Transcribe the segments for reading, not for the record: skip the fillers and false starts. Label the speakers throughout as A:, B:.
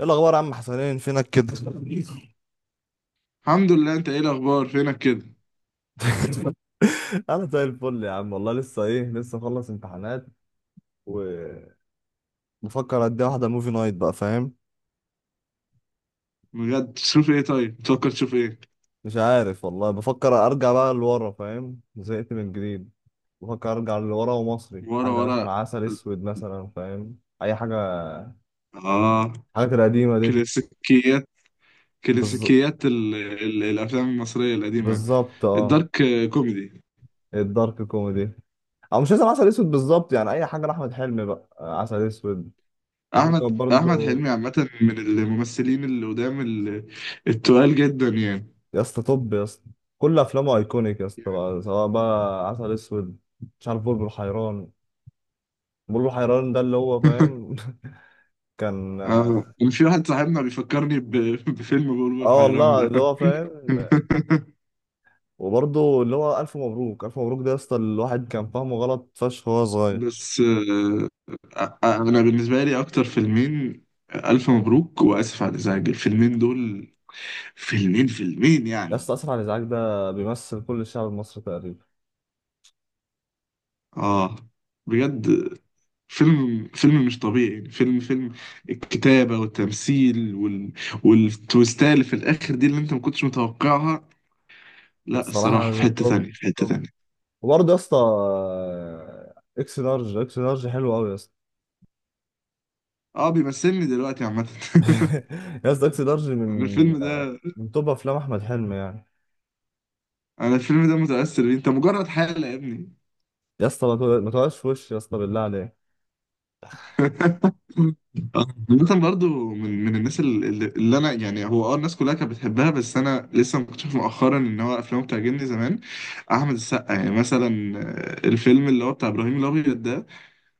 A: ايه الاخبار يا عم حسنين، فينك كده؟
B: الحمد لله. انت ايه الاخبار فينك كده؟
A: انا زي الفل يا عم، والله لسه، ايه، لسه مخلص امتحانات وبفكر ادي واحده موفي نايت بقى، فاهم.
B: بجد تشوف ايه؟ طيب بتفكر تشوف ايه؟
A: مش عارف والله، بفكر ارجع بقى لورا، فاهم، زهقت من جديد. بفكر ارجع لورا ومصري
B: ورا
A: حاجه،
B: ورا.
A: مثلا عسل اسود مثلا، فاهم، اي حاجه.
B: اه.
A: الحاجات القديمه دي.
B: كلاسيكيات.
A: بالز...
B: كلاسيكيات الافلام المصريه القديمه.
A: بالظبط، اه.
B: الدارك كوميدي.
A: الدارك كوميدي. او مش لازم عسل اسود بالظبط، يعني اي حاجه لاحمد حلمي بقى، آه، عسل اسود.
B: احمد
A: بفكر
B: احمد
A: برضو.
B: حلمي عامه من الممثلين اللي قدام التقال جدا يعني.
A: يا اسطى، طب يا اسطى، كل افلامه ايكونيك يا اسطى، بقى سواء بقى عسل اسود، مش عارف، بلبل حيران. بلبل حيران ده، اللي هو، فاهم. كان.
B: اه، كان في واحد صاحبنا بيفكرني بفيلم بلبل
A: اه
B: حيران
A: والله، اللي
B: ده.
A: هو، فاهم. وبرضه اللي هو الف مبروك، الف مبروك ده يا اسطى، الواحد كان فاهمه غلط فشخ وهو صغير.
B: بس آه، آه، آه، انا بالنسبه لي اكتر فيلمين، الف مبروك واسف على الازعاج، الفيلمين دول. فيلمين
A: يا
B: يعني.
A: اسطى، اسف على الازعاج ده بيمثل كل الشعب المصري تقريبا.
B: اه بجد. فيلم مش طبيعي يعني. فيلم الكتابه والتمثيل والتويستات اللي في الاخر دي اللي انت ما كنتش متوقعها. لا الصراحه في
A: الصراحه،
B: حته
A: طب.
B: تانية، في حته
A: طب
B: تانية.
A: وبرضه يا اسطى، اكس لارج، اكس لارج حلو قوي يا اسطى.
B: اه بيمثلني دلوقتي عامه.
A: يا اسطى، اكس لارج
B: انا
A: من
B: الفيلم ده
A: من توب افلام احمد حلمي يعني.
B: انا الفيلم ده متاثر بيه، انت مجرد حاله يا ابني.
A: يا اسطى، ما تقعدش في وشي يا اسطى، بالله عليك.
B: مثلا برضو، من الناس اللي انا يعني هو اه الناس كلها كانت بتحبها، بس انا لسه مكتشف مؤخرا ان هو افلامه بتعجبني زمان. احمد السقا يعني مثلا، الفيلم اللي هو بتاع ابراهيم الابيض ده.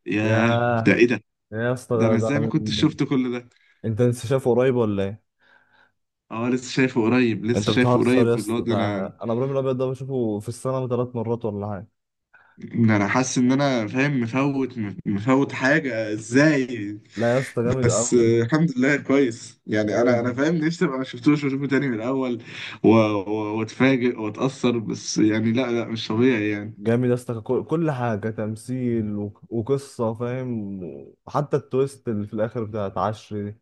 B: ياه، ده
A: ياه،
B: ايه ده؟
A: يا اسطى،
B: ده
A: ده
B: انا ازاي
A: ده
B: ما كنتش شفت كل ده؟
A: انت لسه شايفه قريب ولا ايه؟
B: اه لسه شايفه قريب، لسه
A: انت
B: شايفه
A: بتهزر
B: قريب،
A: يا
B: اللي هو
A: اسطى،
B: ده
A: ده
B: انا.
A: أنا ابراهيم الابيض ده بشوفه في السنه 3 مرات ولا حاجه.
B: ده انا حاسس ان انا فاهم مفوت، مفوت حاجه ازاي.
A: لا يا اسطى، جامد
B: بس
A: قوي.
B: آه، الحمد لله كويس يعني. انا
A: جامد
B: فاهم نفسي ابقى ما شفتوش واشوفه تاني من الاول واتفاجئ واتاثر. بس يعني لا لا مش طبيعي يعني.
A: جامد يا اسطى، كل حاجه تمثيل و... وقصه، فاهم. حتى التويست اللي في الاخر بتاعت عشري دي،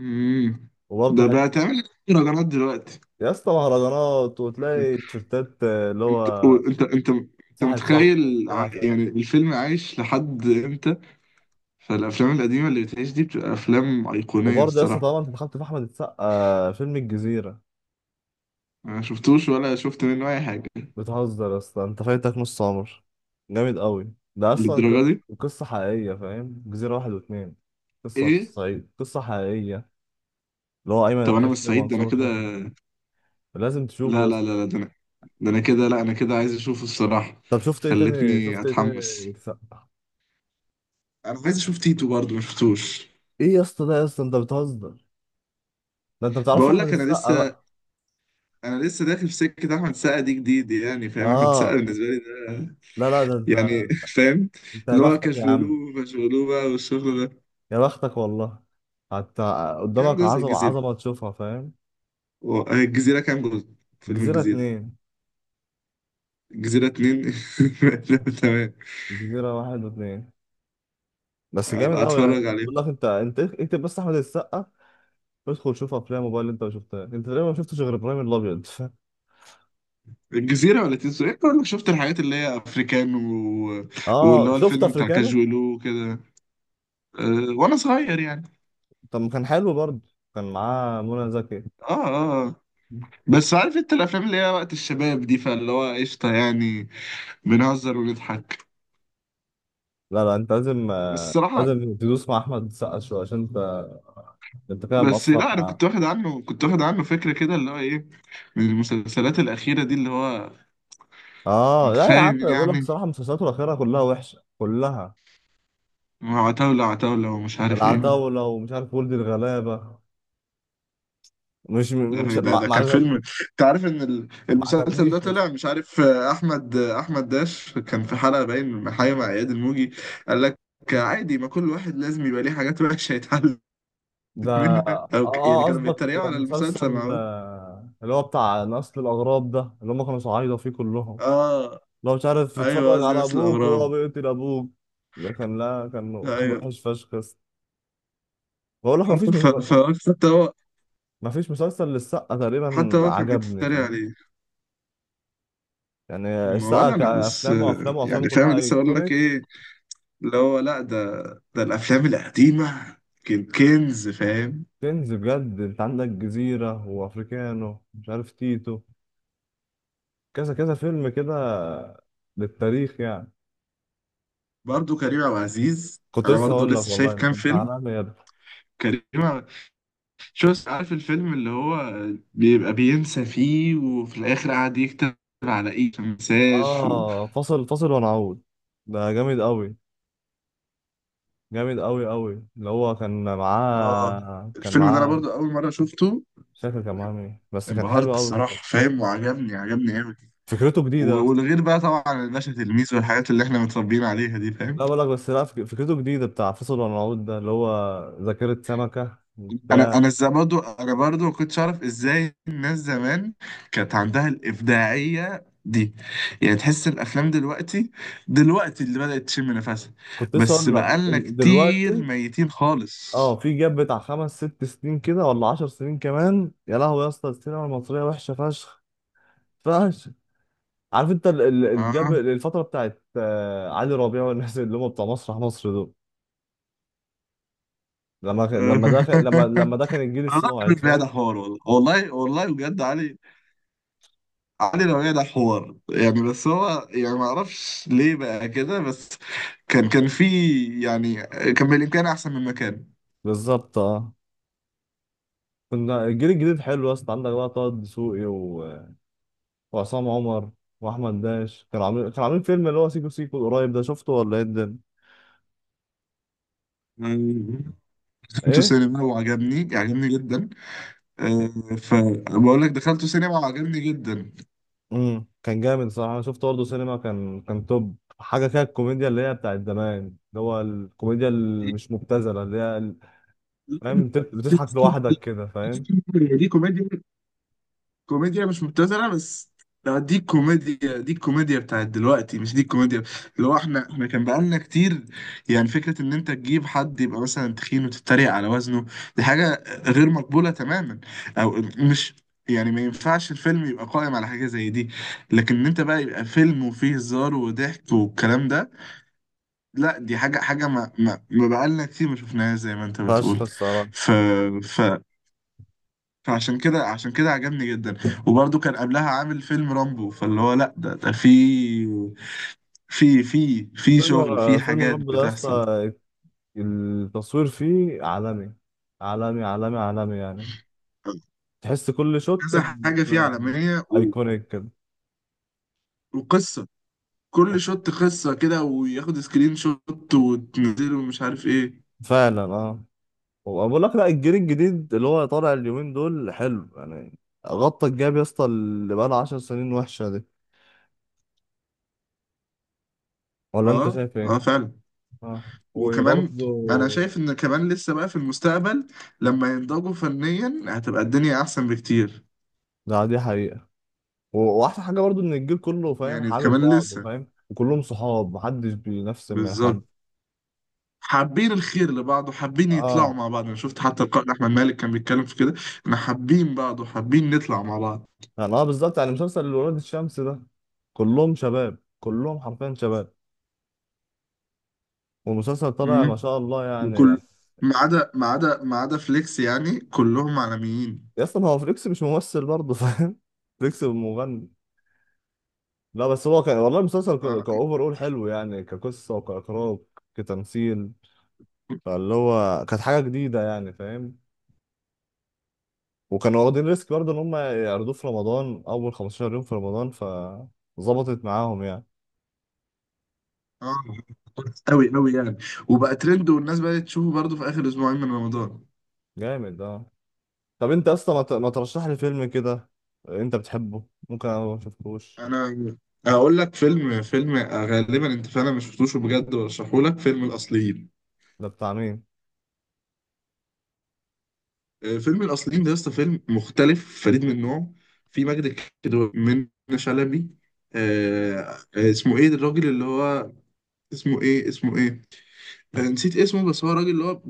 B: امم.
A: وبرضه
B: ده
A: حته.
B: بقى تعمل مهرجانات دلوقتي.
A: يا اسطى، مهرجانات وتلاقي تيشيرتات، آه، اللي
B: انت
A: هو،
B: انت انت انت
A: صاحب صاحبه
B: متخيل
A: وبتاع، فاهم.
B: يعني الفيلم عايش لحد امتى؟ فالافلام القديمه اللي بتعيش دي بتبقى افلام ايقونيه
A: وبرضه يا اسطى،
B: الصراحه.
A: طبعا انت دخلت في احمد السقا، آه، فيلم الجزيره.
B: انا ما شفتوش ولا شفت منه اي حاجه.
A: بتهزر اصلا، انت فايتك نص عمر. جامد قوي ده اصلا،
B: للدرجه دي؟
A: قصة حقيقية، فاهم. جزيرة واحد واتنين، قصة في
B: ايه؟
A: الصعيد، قصة حقيقية. اللي هو أيمن
B: طب انا مش
A: الحفني
B: سعيد، ده انا
A: ومنصور
B: كده.
A: الحفني. لازم تشوفه
B: لا
A: يا
B: لا
A: اسطى.
B: لا لا ده انا، ده انا كده. لا انا كده عايز اشوفه الصراحة.
A: طب شفت ايه تاني،
B: خلتني
A: شفت ايه تاني؟
B: اتحمس.
A: السقا.
B: انا عايز اشوف تيتو برضه ما شفتوش.
A: ايه يا اسطى، ده يا اسطى انت بتهزر. ده انت بتعرفش
B: بقول
A: احمد
B: لك انا
A: السقا
B: لسه،
A: بقى.
B: انا لسه داخل في سكة احمد سقا دي جديد يعني. فاهم احمد
A: اه،
B: سقا بالنسبة لي ده
A: لا، لا، ده انت.
B: يعني. فاهم.
A: انت يا
B: اللي هو
A: بختك يا عم.
B: كشبولوه فشبولوه بقى والشغل ده.
A: يا بختك والله. حتى
B: كام
A: قدامك
B: جزء
A: عظمة
B: الجزيرة؟
A: عظمة تشوفها، فاهم.
B: الجزيرة كام جزء؟ فيلم
A: جزيرة
B: الجزيرة.
A: اتنين،
B: الجزيرة اتنين. تمام.
A: جزيرة واحد واتنين، بس جامد
B: ابقى
A: قوي يعني،
B: اتفرج عليه.
A: بقول لك انت اكتب بس احمد السقا وادخل شوف افلام موبايل اللي انت ما شفتها، انت تقريبا ما شفتش غير ابراهيم الابيض.
B: الجزيرة ولا تيتو؟ ايه، كل شفت الحاجات اللي هي افريكان واللي
A: اه،
B: هو
A: شفت
B: الفيلم بتاع
A: افريكانو.
B: كاجولو وكده. أه وانا صغير يعني.
A: طب ما كان حلو برضه، كان معاه منى زكي.
B: اه اه آه. بس عارف انت الافلام اللي هي وقت الشباب دي، فاللي هو قشطة يعني. بنهزر ونضحك.
A: لا، لا، انت لازم،
B: بس
A: آه،
B: الصراحة،
A: لازم تدوس مع احمد السقا شويه، عشان انت كده
B: بس
A: مقصر
B: لا انا
A: معاه.
B: كنت واخد عنه، كنت واخد عنه فكرة كده اللي هو ايه، من المسلسلات الأخيرة دي اللي هو
A: اه
B: انت
A: لا يا عم،
B: فاهم
A: بقول لك
B: يعني.
A: بصراحه مسلسلاته الاخيره كلها وحشه كلها.
B: عتاولة ومش عارف ايه.
A: العتاوله ومش عارف، ولد الغلابه. مش
B: لا،
A: مش
B: ده
A: ما
B: ده
A: ما
B: كان
A: عجب-
B: فيلم. انت عارف ان
A: ما
B: المسلسل ده
A: عجبنيش.
B: طلع مش عارف، احمد داش كان في حلقه باين حاجه مع اياد الموجي. قال لك عادي، ما كل واحد لازم يبقى ليه حاجات وحشه يتعلم
A: ده،
B: منها.
A: اه،
B: او يعني كانوا
A: قصدك
B: بيتريقوا على المسلسل
A: مسلسل،
B: مع بعض.
A: اللي هو بتاع نسل الأغراب ده، اللي هم كانوا صعايدة فيه كلهم.
B: اه.
A: لو مش عارف
B: ايوه
A: يتفرج
B: قصدي
A: على
B: نفس
A: أبوك وهو
B: الاغراب.
A: بيقتل أبوك. ده كان، لا، كان
B: ايوه.
A: وحش فشخ بس. بقول لك مفيش
B: ف... ف... حتى هو،
A: مفيش مسلسل للسقا تقريبا
B: حتى هو كان
A: عجبني،
B: بيتريق
A: فاهم
B: عليه.
A: يعني. السقا
B: ولا انا بس
A: كأفلام وأفلام وأفلام
B: يعني فاهم
A: كلها
B: لسه اقول لك
A: أيكونيك.
B: ايه. اللي هو لا ده، ده الافلام القديمه كان كنز فاهم.
A: كنز بجد، أنت عندك جزيرة وأفريكانو، مش عارف، تيتو، كذا كذا فيلم كده، للتاريخ يعني.
B: برضه كريم عبد العزيز
A: كنت
B: انا
A: لسه
B: برضه
A: هقول لك
B: لسه
A: والله،
B: شايف
A: انت
B: كام
A: انت
B: فيلم.
A: عالمي يا ابني.
B: كريم عبد- شوف عارف الفيلم اللي هو بيبقى بينسى فيه وفي الاخر قاعد يكتب على ايه ما نساش
A: اه، فاصل ونعود، ده جامد قوي. جامد قوي قوي، اللي هو كان
B: اه
A: معاه كان
B: الفيلم ده انا
A: معاه
B: برضه اول مره شفته.
A: مش فاكر كان معاه مين، بس كان
B: انبهرت
A: حلو قوي الصراحة.
B: الصراحه فاهم، وعجبني قوي.
A: فكرته جديدة.
B: والغير بقى طبعا الباشا تلميذ والحاجات اللي احنا متربيين عليها دي فاهم.
A: لا بقول لك، بس لا، فكرته جديدة، بتاع فاصل ونعود ده اللي هو ذاكرة سمكة
B: انا
A: بتاع.
B: انا ازاي برضو، انا برضو ما كنتش اعرف ازاي الناس زمان كانت عندها الابداعيه دي. يعني تحس الافلام دلوقتي، دلوقتي اللي بدات تشم نفسها،
A: كنت لسه
B: بس
A: اقول لك
B: بقالنا كتير
A: دلوقتي،
B: ميتين خالص.
A: اه، في جاب بتاع خمس ست سنين كده، ولا 10 سنين كمان، يا لهوي يا اسطى، السينما المصرية وحشة فشخ، فشخ. عارف انت الجاب،
B: اه.
A: الفتره بتاعت، آه، علي ربيع والناس اللي هم بتوع مسرح مصر دول، لما ده كان الجيل
B: والله
A: الصاعد،
B: الراجل ده
A: فاهم.
B: حوار. والله بجد علي. علي لو ده حوار يعني، بس هو يعني ما اعرفش ليه بقى كده. بس كان في يعني، كان بالامكان احسن من
A: بالظبط، اه. كنا الجيل الجديد حلو يا اسطى، عندك بقى طه دسوقي و... وعصام عمر واحمد داش، كانوا عاملين فيلم اللي هو سيكو سيكو القريب، ده شفته ولا ايه الدنيا؟
B: مكان. دخلته
A: ايه.
B: سينما وعجبني جدا. فبقول لك دخلته سينما وعجبني جدا.
A: كان جامد صراحه، انا شفته برضه سينما، كان توب حاجه كده، الكوميديا اللي هي بتاعت زمان اللي هو الكوميديا اللي مش مبتذله، اللي هي فاهم، بتضحك لوحدك كده، فاهم.
B: دي كوميديا، كوميديا مش مبتذله. بس لا دي كوميديا، دي الكوميديا بتاعت دلوقتي مش دي الكوميديا اللي هو احنا كان بقالنا كتير. يعني فكره ان انت تجيب حد يبقى مثلا تخين وتتريق على وزنه، دي حاجه غير مقبوله تماما. او مش يعني، ما ينفعش الفيلم يبقى قائم على حاجه زي دي. لكن ان انت بقى يبقى فيلم وفيه هزار وضحك والكلام ده، لا دي حاجة حاجة ما ما, ما بقالنا كتير ما شفناهاش زي ما انت
A: فشخ
B: بتقول.
A: الصراحة.
B: ف ف فعشان كده، عشان كده عجبني جدا. وبرضه كان قبلها عامل فيلم رامبو، فاللي هو لا ده في، في في
A: فيلم
B: شغل، في
A: فيلم
B: حاجات
A: رب ده يا
B: بتحصل.
A: اسطى، التصوير فيه عالمي عالمي عالمي عالمي يعني، تحس كل شوت
B: كذا حاجة فيه عالمية
A: ايكونيك كده.
B: وقصة، كل شوت قصة كده، وياخد سكرين شوت وتنزله ومش عارف ايه.
A: فعلا، اه. وبقول لك لا، الجيل الجديد اللي هو طالع اليومين دول حلو يعني، غطى الجاب يا اسطى اللي بقى له 10 سنين وحشة دي. ولا انت
B: اه
A: شايف
B: اه
A: ايه؟
B: فعلا.
A: اه،
B: وكمان
A: وبرضه،
B: انا شايف ان كمان لسه بقى في المستقبل لما ينضجوا فنيا هتبقى الدنيا احسن بكتير.
A: ده دي حقيقة. واحسن حاجة برضه ان الجيل كله فاهم،
B: يعني
A: حابب
B: كمان
A: بعضه،
B: لسه،
A: فاهم، وكلهم صحاب، محدش بينفس من حد.
B: بالظبط. حابين الخير لبعض، وحابين يطلعوا
A: اه،
B: مع بعض. انا شفت حتى القائد احمد مالك كان بيتكلم في كده، ان حابين بعض وحابين نطلع مع بعض.
A: يعني اه، بالظبط، يعني مسلسل ولاد الشمس ده، كلهم شباب، كلهم حرفيا شباب، والمسلسل طالع ما
B: امم.
A: شاء الله يعني
B: وكل،
A: يعني
B: ما عدا فليكس يعني كلهم عالميين.
A: يا اسطى، ما هو فليكس مش ممثل برضه، فاهم. فليكس مغني. لا بس، هو كان والله المسلسل
B: اه.
A: كأوفر أول حلو يعني، كقصة وكإخراج كتمثيل، فاللي هو كانت حاجة جديدة يعني، فاهم. وكانوا واخدين ريسك برضه إن هم يعرضوه في رمضان أول 15 يوم في رمضان، فظبطت معاهم يعني.
B: اه قوي يعني. وبقى ترند، والناس بقت تشوفه برضه في اخر اسبوعين من رمضان.
A: جامد ده. طب انت اصلا، ما ترشح لي فيلم كده انت بتحبه، ممكن انا ما شفتهوش.
B: انا هقول لك فيلم، فيلم غالبا انت فعلا مش شفتوش. بجد برشحه لك، فيلم الاصليين.
A: ده بتاع مين؟
B: فيلم الاصليين ده لسه فيلم مختلف فريد من نوعه. في مجد الكدواني، من شلبي. آه، اسمه ايه الراجل اللي هو، اسمه ايه، اسمه ايه، نسيت اسمه. بس هو راجل اللي هو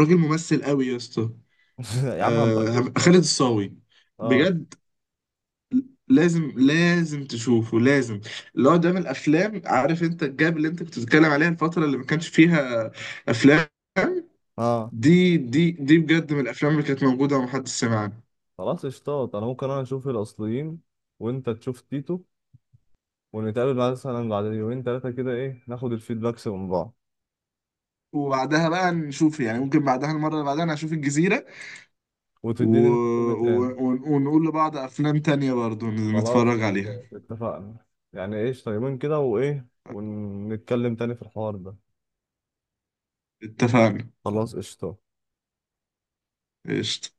B: راجل ممثل قوي يا اسطى.
A: يا عم هبقى اشوفه
B: آه، خالد
A: والله.
B: الصاوي.
A: اه،
B: بجد لازم تشوفه، لازم. اللي هو ده من الافلام، عارف انت الجاب اللي انت كنت بتتكلم عليها الفتره اللي ما كانش فيها افلام،
A: اه.
B: دي دي بجد من الافلام اللي كانت موجوده ومحدش سمع عنها.
A: خلاص اشتاط، انا ممكن انا اشوف الاصليين وانت تشوف تيتو، ونتقابل بعد مثلا بعد يومين ثلاثه كده، ايه، ناخد الفيدباكس من بعض،
B: وبعدها بقى نشوف يعني، ممكن بعدها المره اللي بعدها نشوف الجزيره
A: وتديني انت فيلم تاني.
B: ونقول لبعض افلام تانية برضو
A: خلاص
B: نتفرج عليها.
A: قشطة، اتفقنا، يعني ايش طيبين كده، وايه ونتكلم تاني في الحوار ده.
B: اتفقنا.
A: خلاص قشطة.
B: قشطة.